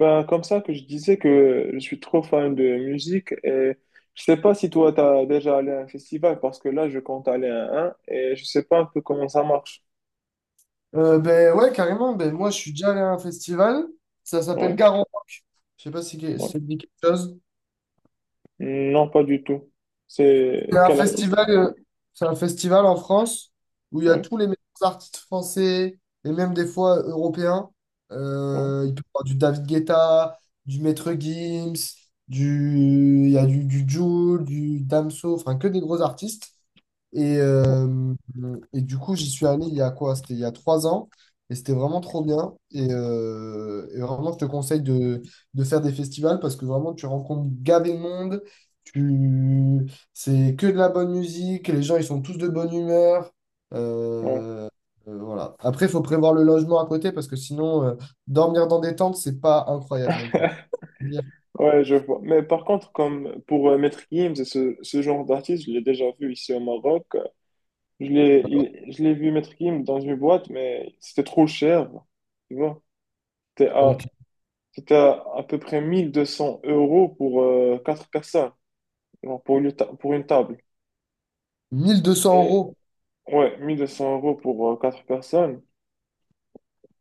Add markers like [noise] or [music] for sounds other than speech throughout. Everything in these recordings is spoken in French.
Ben, comme ça que je disais que je suis trop fan de musique et je sais pas si toi t'as déjà allé à un festival parce que là je compte aller à un et je sais pas un peu comment ça marche. Ben ouais, carrément. Ben, moi, je suis déjà allé à un festival. Ça s'appelle Ouais, Garant. Je sais pas si ouais. ça te dit quelque chose. Non, pas du tout. C'est C'est un quel artiste? festival, euh, c'est un festival en France où il y a Ouais, tous les meilleurs artistes français et même des fois européens. ouais, Il peut y avoir du David Guetta, du Maître Gims, du, il y a du Jul, du Damso, enfin que des gros artistes. Et, ouais. euh, et du coup, j'y suis allé il y a quoi? C'était il y a 3 ans. Et c'était vraiment trop bien. Et vraiment, je te conseille de faire des festivals parce que vraiment, tu rencontres gavé de monde. Tu, c'est que de la bonne musique, les gens ils sont tous de bonne humeur. Ouais, Euh, voilà. Après, il faut prévoir le logement à côté parce que sinon, dormir dans des tentes, c'est pas incroyable non plus. Yeah. ouais, je vois. Mais par contre, comme pour Maître Gims et ce genre d'artiste, je l'ai déjà vu ici au Maroc. Je l'ai, je l'ai vu Maître Gims dans une boîte, mais c'était trop cher. Tu vois? C'était Donc, à, C'était à peu près 1 200 € pour 4 personnes, genre pour pour une table. 1200 Et euros. ouais, 1 200 € pour quatre personnes.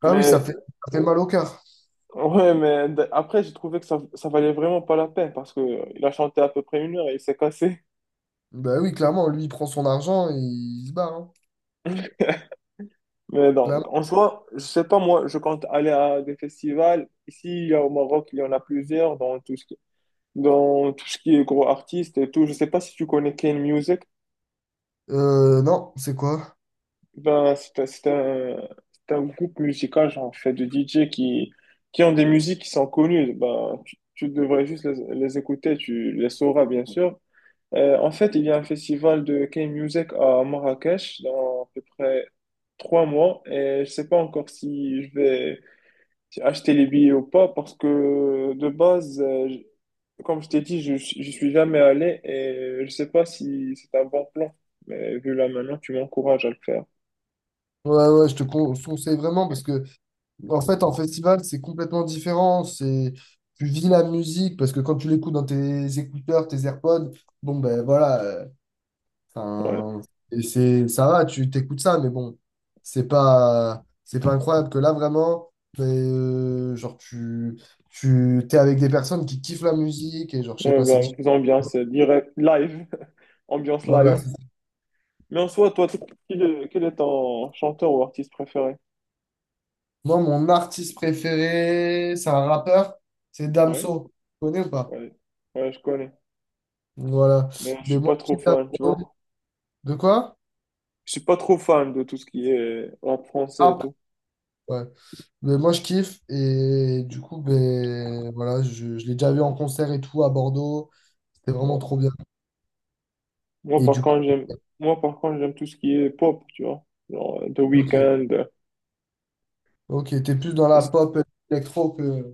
Ah oui, ça Mais fait, ça fait mal au cœur. ouais, mais après, j'ai trouvé que ça valait vraiment pas la peine parce que il a chanté à peu près une heure et il s'est cassé. [laughs] Bah oui, clairement, lui il prend son argent et il se barre, hein. Mais donc, Clairement. en soi, je sais pas, moi, je compte aller à des festivals. Ici, il y a au Maroc, il y en a plusieurs dans dans tout ce qui est gros artistes et tout. Je sais pas si tu connais Kane Music. Non, c'est quoi? Ben, c'est un groupe musical, genre, en fait de DJ qui ont des musiques qui sont connues. Ben, tu devrais juste les écouter, tu les sauras, bien sûr. En fait, il y a un festival de K-Music à Marrakech dans à peu près 3 mois et je sais pas encore si je vais si acheter les billets ou pas parce que de base, comme je t'ai dit, je suis jamais allé et je sais pas si c'est un bon plan. Mais vu là maintenant, tu m'encourages à le faire. Ouais, ouais, je te conseille vraiment parce que. En fait, en festival, c'est complètement différent. Tu vis la musique parce que quand tu l'écoutes dans tes écouteurs, tes AirPods, bon ben voilà, Ouais. enfin, ça va, tu t'écoutes ça, mais bon, c'est pas incroyable que là vraiment, ben, genre t'es avec des personnes qui kiffent la musique et genre je sais Ouais, pas, c'est ben différent. faisons bien, c'est direct, live, [laughs] ambiance Voilà. live. Mais en soi, quel est ton chanteur ou artiste préféré? Moi, mon artiste préféré, c'est un rappeur, c'est Ouais, Damso. Tu connais ou pas? ouais, ouais, je connais. Voilà. Mais je suis Mais moi, pas je trop kiffe fan, tu Damso. vois. De quoi? Je suis pas trop fan de tout ce qui est rap français et Rap, tout. ouais. Mais moi, je kiffe. Et du coup, ben, voilà, je l'ai déjà vu en concert et tout à Bordeaux. C'était vraiment Ouais. trop bien. Moi, Et par du coup, contre, j'aime, moi, par contre, j'aime tout ce qui est pop, tu vois. Genre, The Weeknd. ok. Ok, t'es plus dans la z- pop électro que.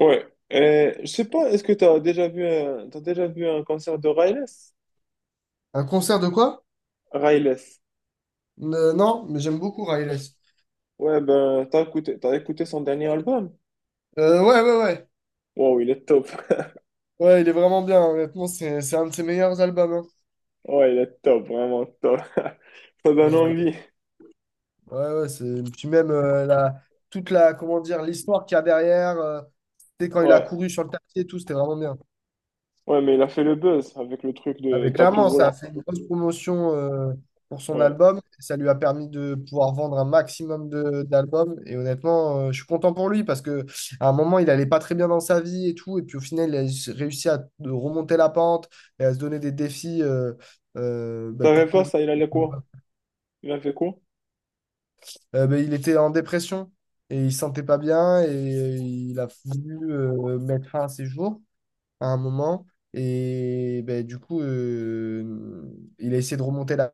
Ouais. Et, je sais pas, est-ce que t'as déjà vu un concert de Riles? Un concert de quoi? Riles. Non, mais j'aime beaucoup Riles. Ouais, ben, t'as écouté son dernier album? Ouais, ouais, ouais. Wow, il est top. Ouais, il est vraiment bien. Honnêtement, c'est un de ses meilleurs albums, hein. Ouais, il est top, vraiment top. [laughs] Ça donne Euh, envie. ouais, ouais, c'est. Puis même toute la, comment dire, l'histoire qu'il y a derrière. C'était quand il a Ouais. couru sur le tapis et tout, c'était vraiment bien. Ouais, mais il a fait le buzz avec le truc Ah, de mais tapis clairement, ça a roulant. fait une grosse promotion pour son Ouais. album. Ça lui a permis de pouvoir vendre un maximum de d'albums. Et honnêtement, je suis content pour lui parce que à un moment, il allait pas très bien dans sa vie et tout. Et puis au final, il a réussi à de remonter la pente et à se donner des défis Je bah, savais pour pas courir. ça, il allait quoi? Il a fait quoi? Bah, il était en dépression et il se sentait pas bien et il a voulu mettre fin à ses jours à un moment. Et bah, du coup, il a essayé de remonter la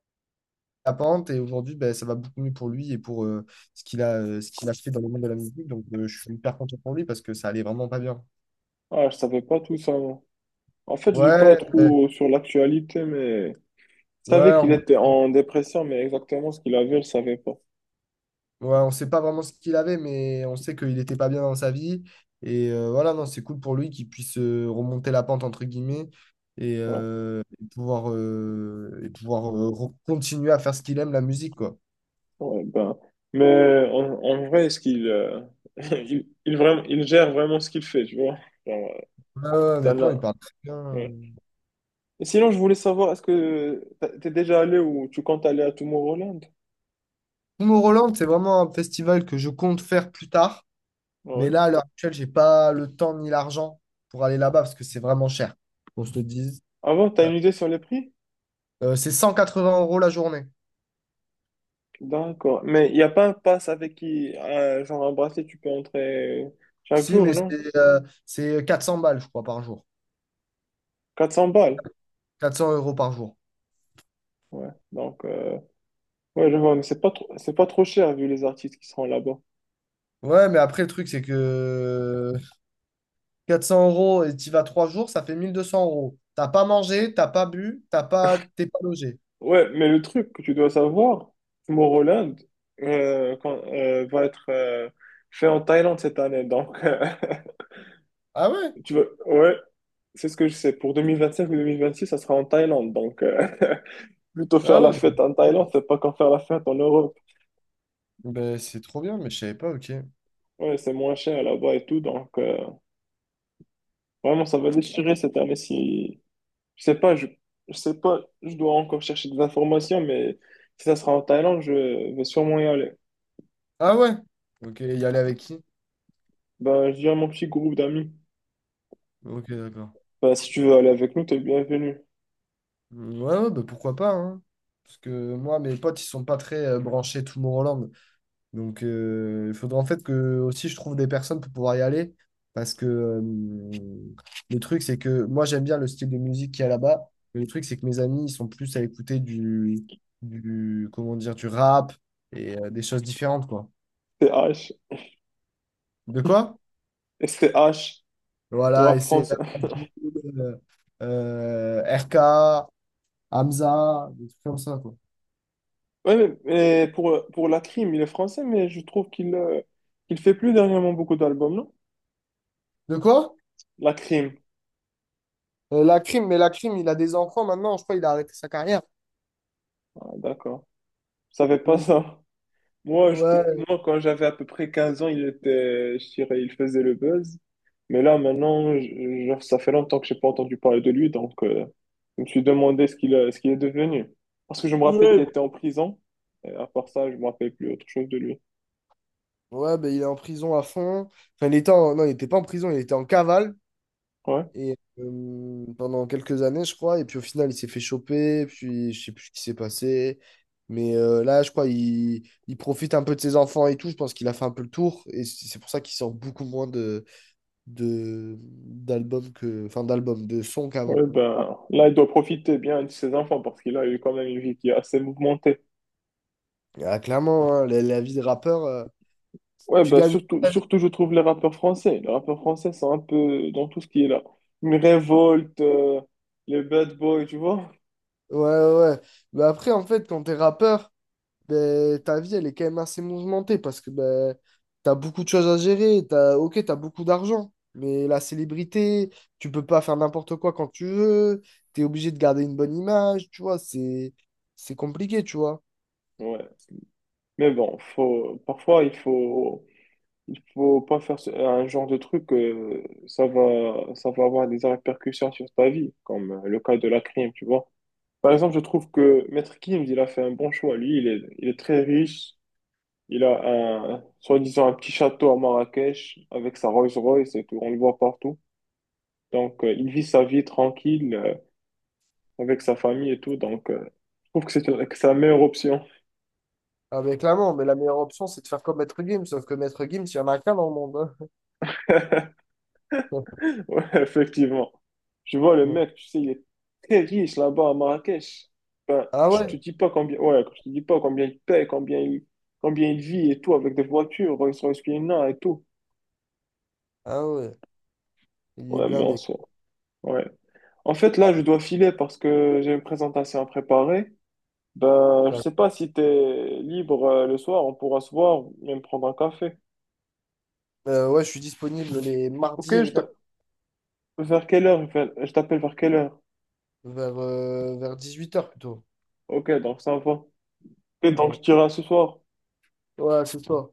la pente et aujourd'hui, ben, ça va beaucoup mieux pour lui et pour ce qu'il a fait dans le monde de la musique. Donc, je suis hyper content pour lui parce que ça allait vraiment pas bien. Ah, je savais pas tout ça. Moi. En fait, je lis pas Ouais, ouais, trop sur l'actualité, mais je ouais, savais en qu'il gros, était en dépression, mais exactement ce qu'il avait, je savais pas. ouais, on sait pas vraiment ce qu'il avait, mais on sait qu'il était pas bien dans sa vie. Et voilà, non, c'est cool pour lui qu'il puisse remonter la pente, entre guillemets, et, Ouais. euh, et pouvoir, euh, et pouvoir continuer à faire ce qu'il aime, la musique, quoi. Ouais, ben. Mais en vrai, est-ce qu'il [laughs] vraiment, il gère vraiment ce qu'il fait, tu vois? Genre, Ouais, ouais, t'en honnêtement, il as- parle très bien. ouais. Et sinon, je voulais savoir, est-ce que t'es déjà allé ou tu comptes aller à Tomorrowland? Tomorrowland, c'est vraiment un festival que je compte faire plus tard. Mais Ouais. là, à l'heure actuelle, j'ai pas le temps ni l'argent pour aller là-bas parce que c'est vraiment cher. Qu'on se le dise. Avant, t'as Euh, une idée sur les prix? C'est 180 euros la journée. D'accord. Mais il n'y a pas un pass avec genre un bracelet, tu peux entrer chaque Si, jour, mais non? c'est 400 balles, je crois, par jour. 400 balles. 400 euros par jour. Ouais. Donc, ouais, je vois, mais c'est pas trop cher vu les artistes qui seront là-bas. Ouais, mais après, le truc, c'est que 400 euros et tu vas 3 jours, ça fait 1200 euros. T'as pas mangé, t'as pas bu, t'es pas logé. Ouais, mais le truc que tu dois savoir, Tomorrowland va être fait en Thaïlande cette année. Donc, [laughs] Ah ouais? Tu veux... Ouais, c'est ce que je sais. Pour 2025 ou 2026, ça sera en Thaïlande. Donc, [laughs] plutôt faire Ah la ouais. fête en Thaïlande, c'est pas qu'en faire la fête en Europe. Ben, c'est trop bien, mais je savais pas, ok. Ouais, c'est moins cher là-bas et tout. Donc, vraiment, ça va déchirer cette année si... Je sais pas, je sais pas, je dois encore chercher des informations, mais si ça sera en Thaïlande, je vais sûrement y aller. Ah ouais? Ok, y aller avec qui? Ben, je dirais à mon petit groupe d'amis. Ok, d'accord. Bah, si tu veux aller avec nous, t'es le bienvenu. Mm, ouais, ouais, bah pourquoi pas, hein. Parce que moi, mes potes, ils sont pas très branchés Tomorrowland. Donc, il faudrait en fait que aussi je trouve des personnes pour pouvoir y aller. Parce que le truc, c'est que moi, j'aime bien le style de musique qu'il y a là-bas. Mais le truc, c'est que mes amis, ils sont plus à écouter comment dire, du rap et des choses différentes, quoi. STH. De quoi? H le Voilà, rap et c'est français. euh, RK, Hamza, des trucs comme ça, quoi. Pour la crime, il est français, mais je trouve qu'il qu'il fait plus dernièrement beaucoup d'albums, non? De quoi? La crime. La crime, mais la crime, il a des enfants maintenant, je crois qu'il a arrêté sa carrière. Ah, d'accord. Je savais pas Ouais, ça. Moi, je, moi, quand j'avais à peu près 15 ans, il était, je dirais, il faisait le buzz. Mais là, maintenant, genre, ça fait longtemps que j'ai pas entendu parler de lui, donc je me suis demandé ce ce qu'il est devenu. Parce que je me rappelle qu'il ouais. était en prison. Et à part ça, je me rappelle plus autre chose de lui. Ouais, ben, il est en prison à fond. Enfin, il était Non, il n'était pas en prison, il était en cavale. Ouais. Et pendant quelques années, je crois. Et puis au final, il s'est fait choper. Puis je sais plus ce qui s'est passé. Mais là, je crois, il profite un peu de ses enfants et tout. Je pense qu'il a fait un peu le tour. Et c'est pour ça qu'il sort beaucoup moins d'albums que. Enfin, d'albums, de sons qu'avant, Ouais, quoi. ben, là, il doit profiter bien de ses enfants parce qu'il a eu quand même une vie qui est assez mouvementée. Ah, clairement, hein, la vie de rappeur, Ouais, tu ben, gagnes. surtout, je trouve les rappeurs français. Les rappeurs français sont un peu dans tout ce qui est là. Une révolte, les bad boys, tu vois? Ouais, ouais. Ouais. Mais après, en fait, quand t'es rappeur, ben, ta vie, elle est quand même assez mouvementée parce que ben, t'as beaucoup de choses à gérer. T'as, ok, t'as beaucoup d'argent, mais la célébrité, tu peux pas faire n'importe quoi quand tu veux. T'es obligé de garder une bonne image, tu vois. C'est compliqué, tu vois. Ouais. Mais bon, faut, parfois, il faut pas faire un genre de truc, ça va avoir des répercussions sur ta vie, comme le cas de la crime, tu vois. Par exemple, je trouve que Maître Gims, il a fait un bon choix. Lui, il est très riche. Il a un, soi-disant, un petit château à Marrakech avec sa Rolls-Royce et tout. On le voit partout. Donc, il vit sa vie tranquille, avec sa famille et tout. Donc, je trouve que c'est la meilleure option. Avec l'amant, mais la meilleure option, c'est de faire comme Maître Gims. Sauf que Maître Gims, il y en a qu'un dans le monde, hein. [laughs] Ouais, [laughs] effectivement. Je vois, le Ouais. mec, tu sais, il est très riche là-bas à Marrakech. Ben, Ah je ouais? te dis pas combien, ouais, je te dis pas combien il paye, combien il vit et tout, avec des voitures, Rolls-Royce Piana et tout. Ah ouais. Il est Ouais, mais en blindé. soi, ouais. En fait, là, je dois filer parce que j'ai une présentation à préparer. Ben, je sais pas si t'es libre le soir, on pourra se voir et me prendre un café. Ouais, je suis disponible les Ok, mardis et les je te- mercredis vers quelle heure, je t'appelle vers quelle heure? vers 18h plutôt. Ok, donc ça va. Et donc Ouais, je t'irai ce soir. ouais c'est ça.